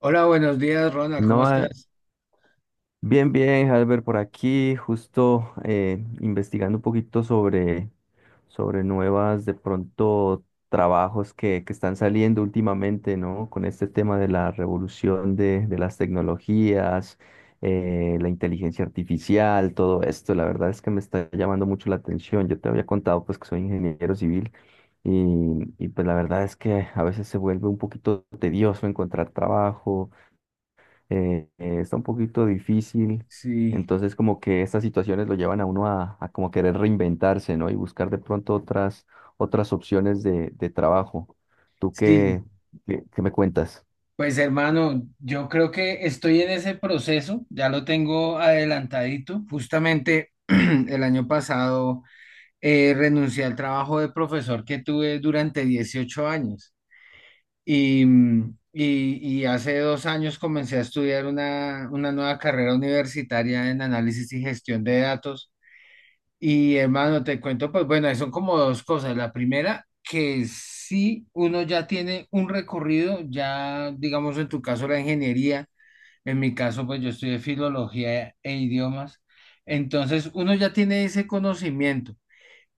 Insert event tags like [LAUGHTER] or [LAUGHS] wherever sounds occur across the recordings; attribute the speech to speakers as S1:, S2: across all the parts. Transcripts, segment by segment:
S1: Hola, buenos días, Ronald, ¿cómo
S2: No,
S1: estás?
S2: bien, bien, Albert, por aquí, justo investigando un poquito sobre nuevas, de pronto, trabajos que están saliendo últimamente, ¿no? Con este tema de la revolución de las tecnologías, la inteligencia artificial, todo esto, la verdad es que me está llamando mucho la atención. Yo te había contado, pues, que soy ingeniero civil y, y pues la verdad es que a veces se vuelve un poquito tedioso encontrar trabajo está un poquito difícil.
S1: Sí,
S2: Entonces, como que estas situaciones lo llevan a uno a como querer reinventarse, ¿no? Y buscar de pronto otras opciones de trabajo. ¿Tú
S1: sí,
S2: qué me cuentas?
S1: pues hermano, yo creo que estoy en ese proceso, ya lo tengo adelantadito. Justamente [CLEARS THROAT] el año pasado renuncié al trabajo de profesor que tuve durante 18 años y hace 2 años comencé a estudiar una nueva carrera universitaria en análisis y gestión de datos. Y hermano, te cuento, pues bueno, son como dos cosas. La primera, que si uno ya tiene un recorrido, ya digamos en tu caso la ingeniería, en mi caso pues yo estudié filología e idiomas, entonces uno ya tiene ese conocimiento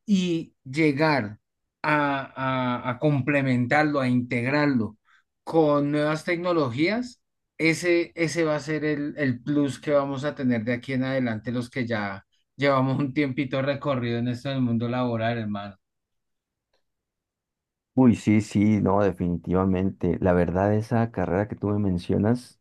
S1: y llegar a complementarlo, a integrarlo con nuevas tecnologías, ese va a ser el plus que vamos a tener de aquí en adelante los que ya llevamos un tiempito recorrido en esto del mundo laboral, hermano.
S2: Uy, sí, sí, no, definitivamente. La verdad, esa carrera que tú me mencionas,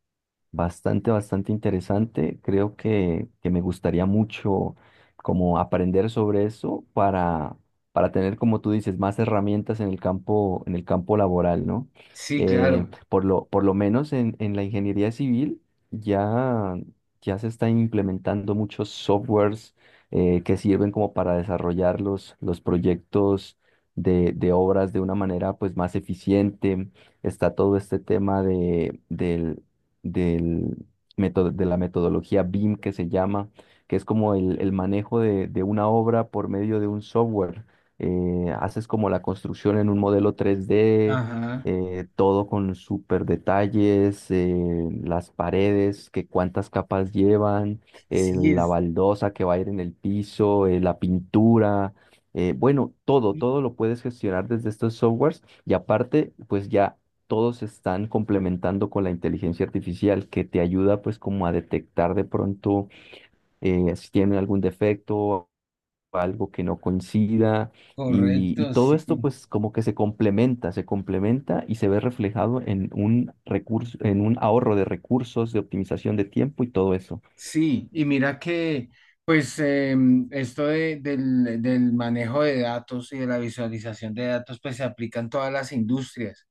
S2: bastante, bastante interesante. Creo que me gustaría mucho como aprender sobre eso para tener, como tú dices, más herramientas en el campo laboral, ¿no?
S1: Sí, claro.
S2: Por lo, por lo menos en la ingeniería civil ya, ya se están implementando muchos softwares que sirven como para desarrollar los proyectos de obras de una manera pues más eficiente. Está todo este tema del método, de la metodología BIM que se llama, que es como el manejo de una obra por medio de un software. Haces como la construcción en un modelo 3D,
S1: Ajá.
S2: todo con súper detalles, las paredes, que cuántas capas llevan,
S1: Sí,
S2: la
S1: es
S2: baldosa que va a ir en el piso, la pintura, bueno, todo,
S1: sí,
S2: todo lo puedes gestionar desde estos softwares y aparte, pues ya todos se están complementando con la inteligencia artificial que te ayuda pues como a detectar de pronto, si tienen algún defecto, algo que no coincida y
S1: correcto,
S2: todo
S1: sí.
S2: esto pues como que se complementa y se ve reflejado en un recurso, en un ahorro de recursos, de optimización de tiempo y todo eso.
S1: Sí, y mira que, pues, esto del manejo de datos y de la visualización de datos, pues se aplica en todas las industrias.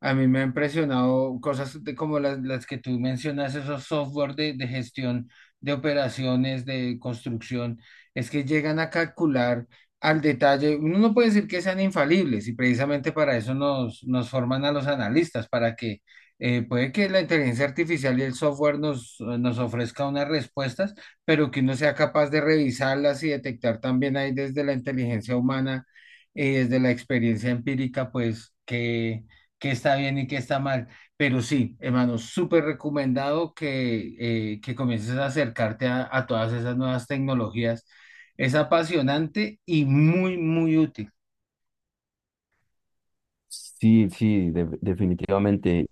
S1: A mí me ha impresionado cosas de- como las que tú mencionas, esos software de gestión de operaciones, de construcción, es que llegan a calcular al detalle. Uno no puede decir que sean infalibles y precisamente para eso nos forman a los analistas, para que puede que la inteligencia artificial y el software nos ofrezca unas respuestas, pero que uno sea capaz de revisarlas y detectar también ahí desde la inteligencia humana y desde la experiencia empírica, pues que qué está bien y qué está mal. Pero sí, hermano, súper recomendado que comiences a acercarte a todas esas nuevas tecnologías. Es apasionante y muy, muy útil.
S2: Sí, sí, definitivamente.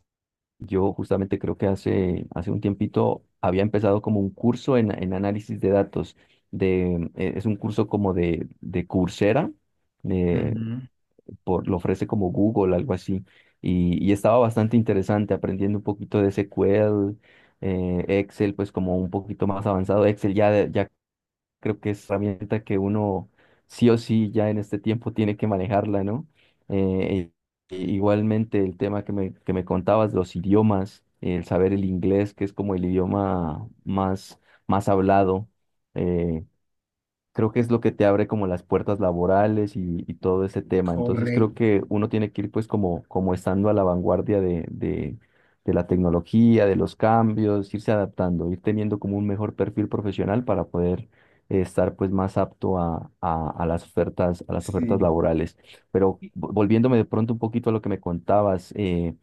S2: Yo justamente creo que hace, hace un tiempito había empezado como un curso en análisis de datos. Es un curso como de Coursera, eh,
S1: Ujú.
S2: por, lo ofrece como Google, algo así. Y estaba bastante interesante aprendiendo un poquito de SQL, Excel, pues como un poquito más avanzado. Excel ya, ya creo que es herramienta que uno sí o sí ya en este tiempo tiene que manejarla, ¿no? Eh, Igualmente el tema que me contabas, los idiomas, el saber el inglés, que es como el idioma más, más hablado. eh, Creo que es lo que te abre como las puertas laborales y todo ese tema. Entonces creo
S1: Correcto,
S2: que uno tiene que ir pues como, como estando a la vanguardia de la tecnología, de los cambios, irse adaptando, ir teniendo como un mejor perfil profesional para poder estar pues más apto a las ofertas, a las ofertas
S1: sí.
S2: laborales. Pero volviéndome de pronto un poquito a lo que me contabas,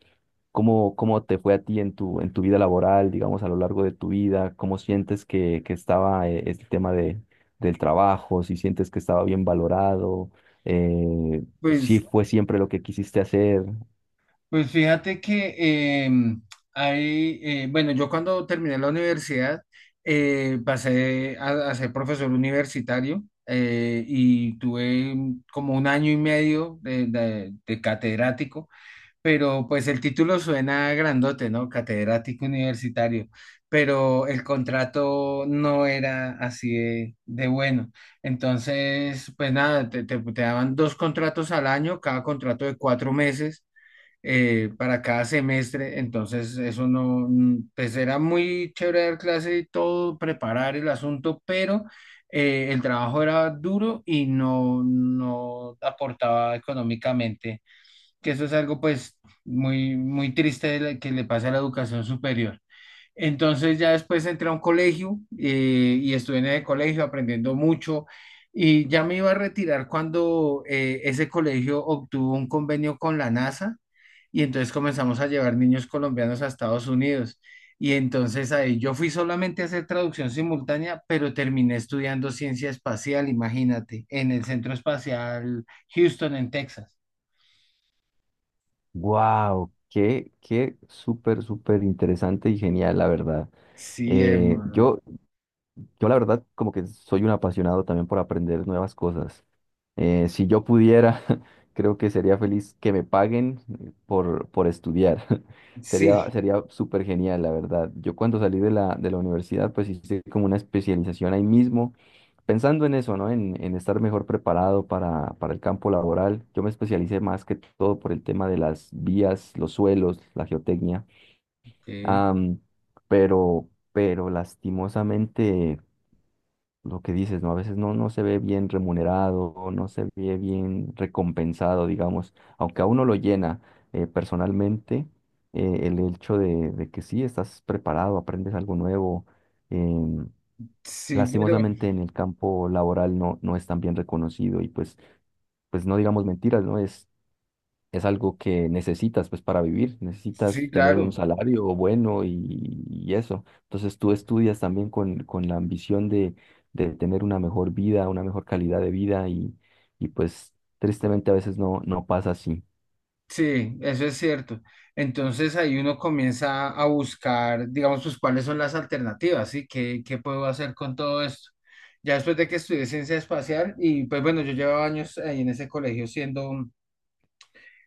S2: ¿cómo te fue a ti en tu vida laboral, digamos, a lo largo de tu vida? ¿Cómo sientes que estaba, el tema del trabajo? ¿Si sientes que estaba bien valorado? Eh, ¿Si
S1: Pues,
S2: fue siempre lo que quisiste hacer?
S1: pues fíjate que hay, bueno, yo cuando terminé la universidad pasé a ser profesor universitario y tuve como un año y medio de, de catedrático. Pero pues el título suena grandote, ¿no? Catedrático universitario, pero el contrato no era así de bueno. Entonces, pues nada, te daban dos contratos al año, cada contrato de 4 meses para cada semestre. Entonces, eso no, pues era muy chévere dar clase y todo, preparar el asunto, pero el trabajo era duro y no, no aportaba económicamente, que eso es algo pues muy, muy triste de la- que le pasa a la educación superior. Entonces ya después entré a un colegio y estuve en el colegio aprendiendo mucho y ya me iba a retirar cuando ese colegio obtuvo un convenio con la NASA y entonces comenzamos a llevar niños colombianos a Estados Unidos. Y entonces ahí yo fui solamente a hacer traducción simultánea, pero terminé estudiando ciencia espacial, imagínate, en el Centro Espacial Houston, en Texas.
S2: ¡Wow! Qué súper, súper interesante y genial, la verdad.
S1: Sí,
S2: Eh,
S1: hermano.
S2: yo, yo, la verdad, como que soy un apasionado también por aprender nuevas cosas. Si yo pudiera, [LAUGHS] creo que sería feliz que me paguen por estudiar. [LAUGHS] Sería,
S1: Sí.
S2: sería súper genial, la verdad. Yo cuando salí de la universidad, pues hice como una especialización ahí mismo, pensando en eso, ¿no? En estar mejor preparado para el campo laboral. Yo me especialicé más que todo por el tema de las vías, los suelos, la geotecnia.
S1: Ok.
S2: Am, pero lastimosamente lo que dices, ¿no? A veces no, no se ve bien remunerado, o no se ve bien recompensado, digamos, aunque a uno lo llena, personalmente, el hecho de que sí, estás preparado, aprendes algo nuevo. em,
S1: Sí, pero
S2: Lastimosamente en el campo laboral no, no es tan bien reconocido y pues, pues no digamos mentiras, ¿no? Es algo que necesitas pues para vivir,
S1: sí,
S2: necesitas tener un
S1: claro,
S2: salario bueno y eso. Entonces tú estudias también con la ambición de tener una mejor vida, una mejor calidad de vida y pues tristemente a veces no, no pasa así.
S1: sí, eso es cierto. Entonces ahí uno comienza a buscar, digamos, pues cuáles son las alternativas, ¿sí? ¿Qué, qué puedo hacer con todo esto? Ya después de que estudié ciencia espacial y pues bueno, yo llevaba años ahí en ese colegio siendo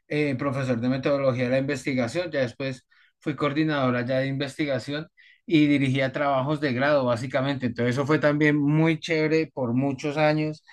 S1: profesor de metodología de la investigación, ya después fui coordinadora ya de investigación y dirigía trabajos de grado, básicamente. Entonces eso fue también muy chévere por muchos años.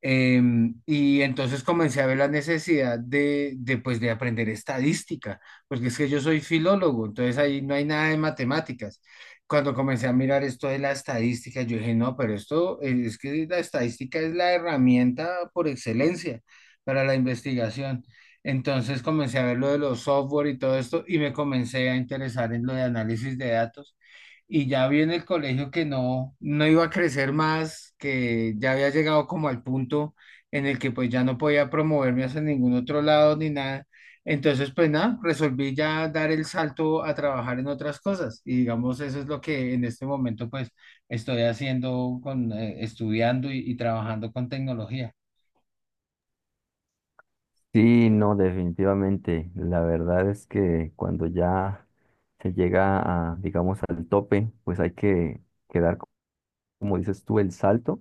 S1: Eh, y entonces comencé a ver la necesidad pues, de aprender estadística, porque es que yo soy filólogo, entonces ahí no hay nada de matemáticas. Cuando comencé a mirar esto de la estadística, yo dije, no, pero esto es que la estadística es la herramienta por excelencia para la investigación. Entonces comencé a ver lo de los software y todo esto y me comencé a interesar en lo de análisis de datos. Y ya vi en el colegio que no, no iba a crecer más, que ya había llegado como al punto en el que pues ya no podía promoverme hacia ningún otro lado ni nada. Entonces pues nada, resolví ya dar el salto a trabajar en otras cosas. Y digamos, eso es lo que en este momento pues estoy haciendo con, estudiando y trabajando con tecnología.
S2: Sí, no, definitivamente. La verdad es que cuando ya se llega a, digamos, al tope, pues hay que quedar como dices tú, el salto.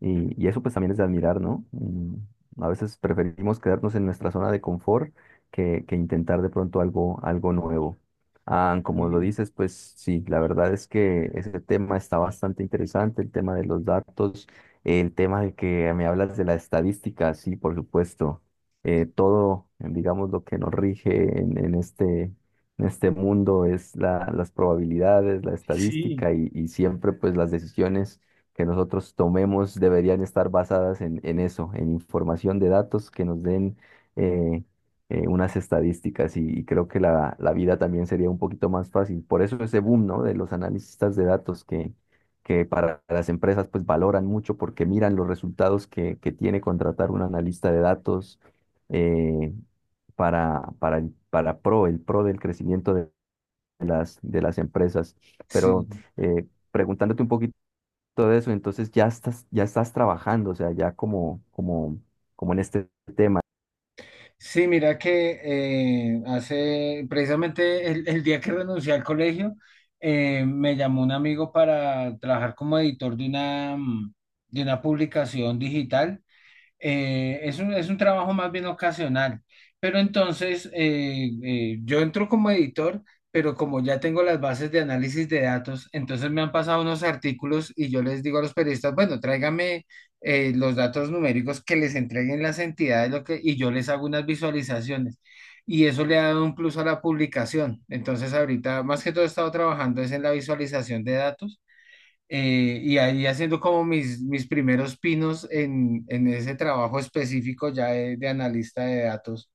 S2: Y eso pues también es de admirar, ¿no? Mm, a veces preferimos quedarnos en nuestra zona de confort que intentar de pronto algo, algo nuevo. Ah, como lo
S1: Mm.
S2: dices, pues sí, la verdad es que ese tema está bastante interesante, el tema de los datos, el tema de que me hablas de la estadística, sí, por supuesto. Todo, digamos, lo que nos rige en este... En este mundo es la, las probabilidades, la
S1: Sí.
S2: estadística y siempre pues las decisiones que nosotros tomemos deberían estar basadas en eso, en información de datos que nos den eh, unas estadísticas y creo que la vida también sería un poquito más fácil. Por eso ese boom, ¿no?, de los analistas de datos que para las empresas pues valoran mucho porque miran los resultados que tiene contratar un analista de datos, eh, para, para pro, el pro del crecimiento de las empresas.
S1: Sí.
S2: Pero preguntándote un poquito todo eso, entonces ya estás trabajando, o sea, ya como, como, como en este,
S1: Sí, mira que hace precisamente el día que renuncié al colegio, me llamó un amigo para trabajar como editor de una, de una publicación digital. Es un, es un trabajo más bien ocasional. Pero entonces yo entro como editor, pero como ya tengo las bases de análisis de datos, entonces me han pasado unos artículos y yo les digo a los periodistas, bueno, tráigame los datos numéricos que les entreguen las entidades lo que, y yo les hago unas visualizaciones. Y eso le ha dado un plus a la publicación. Entonces ahorita más que todo he estado trabajando es en la visualización de datos, y ahí haciendo como mis primeros pinos en ese trabajo específico ya de analista de datos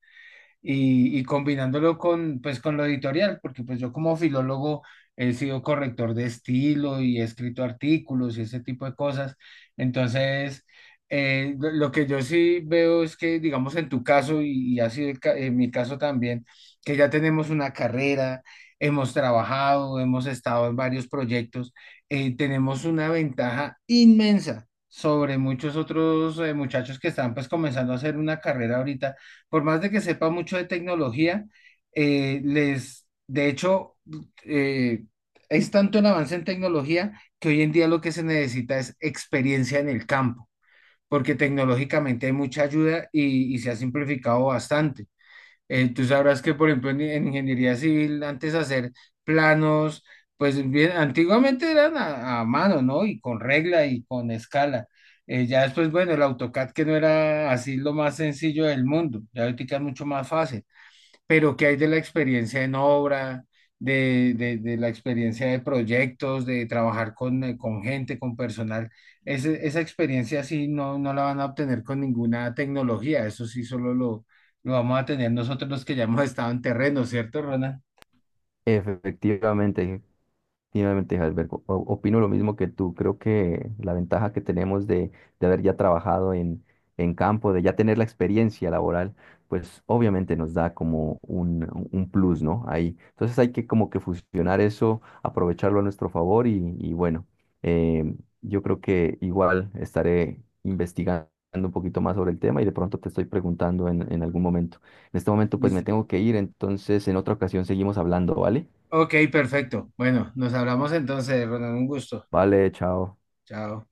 S1: y combinándolo con, pues, con lo editorial, porque pues yo como filólogo he sido corrector de estilo y he escrito artículos y ese tipo de cosas. Entonces, lo que yo sí veo es que, digamos, en tu caso y ha sido el ca- en mi caso también, que ya tenemos una carrera, hemos trabajado, hemos estado en varios proyectos, tenemos una ventaja inmensa sobre muchos otros muchachos que están pues comenzando a hacer una carrera ahorita. Por más de que sepa mucho de tecnología, de hecho, eh, es tanto el avance en tecnología que hoy en día lo que se necesita es experiencia en el campo, porque tecnológicamente hay mucha ayuda y se ha simplificado bastante. Tú sabrás que, por ejemplo, en ingeniería civil, antes hacer planos, pues bien, antiguamente eran a mano, ¿no? Y con regla y con escala. Ya después, bueno, el AutoCAD que no era así lo más sencillo del mundo, ya ahorita es mucho más fácil. Pero ¿qué hay de la experiencia en obra, de, de la experiencia de proyectos, de trabajar con gente, con personal? Esa experiencia sí no, no la van a obtener con ninguna tecnología, eso sí solo lo vamos a tener nosotros los que ya hemos estado en terreno, ¿cierto, Ronald?
S2: efectivamente, tiene una ventaja. Opino lo mismo que tú. Creo que la ventaja que tenemos de haber ya trabajado en campo, de ya tener la experiencia laboral, pues obviamente nos da como un plus, ¿no? Ahí. Entonces hay que como que fusionar eso, aprovecharlo a nuestro favor y bueno, eh, yo creo que igual estaré investigando un poquito más sobre el tema y de pronto te estoy preguntando en algún momento. En este momento pues me
S1: Listo.
S2: tengo que ir, entonces en otra ocasión seguimos hablando, ¿vale?
S1: Ok, perfecto. Bueno, nos hablamos entonces, Ronald, un gusto.
S2: Vale, chao.
S1: Chao.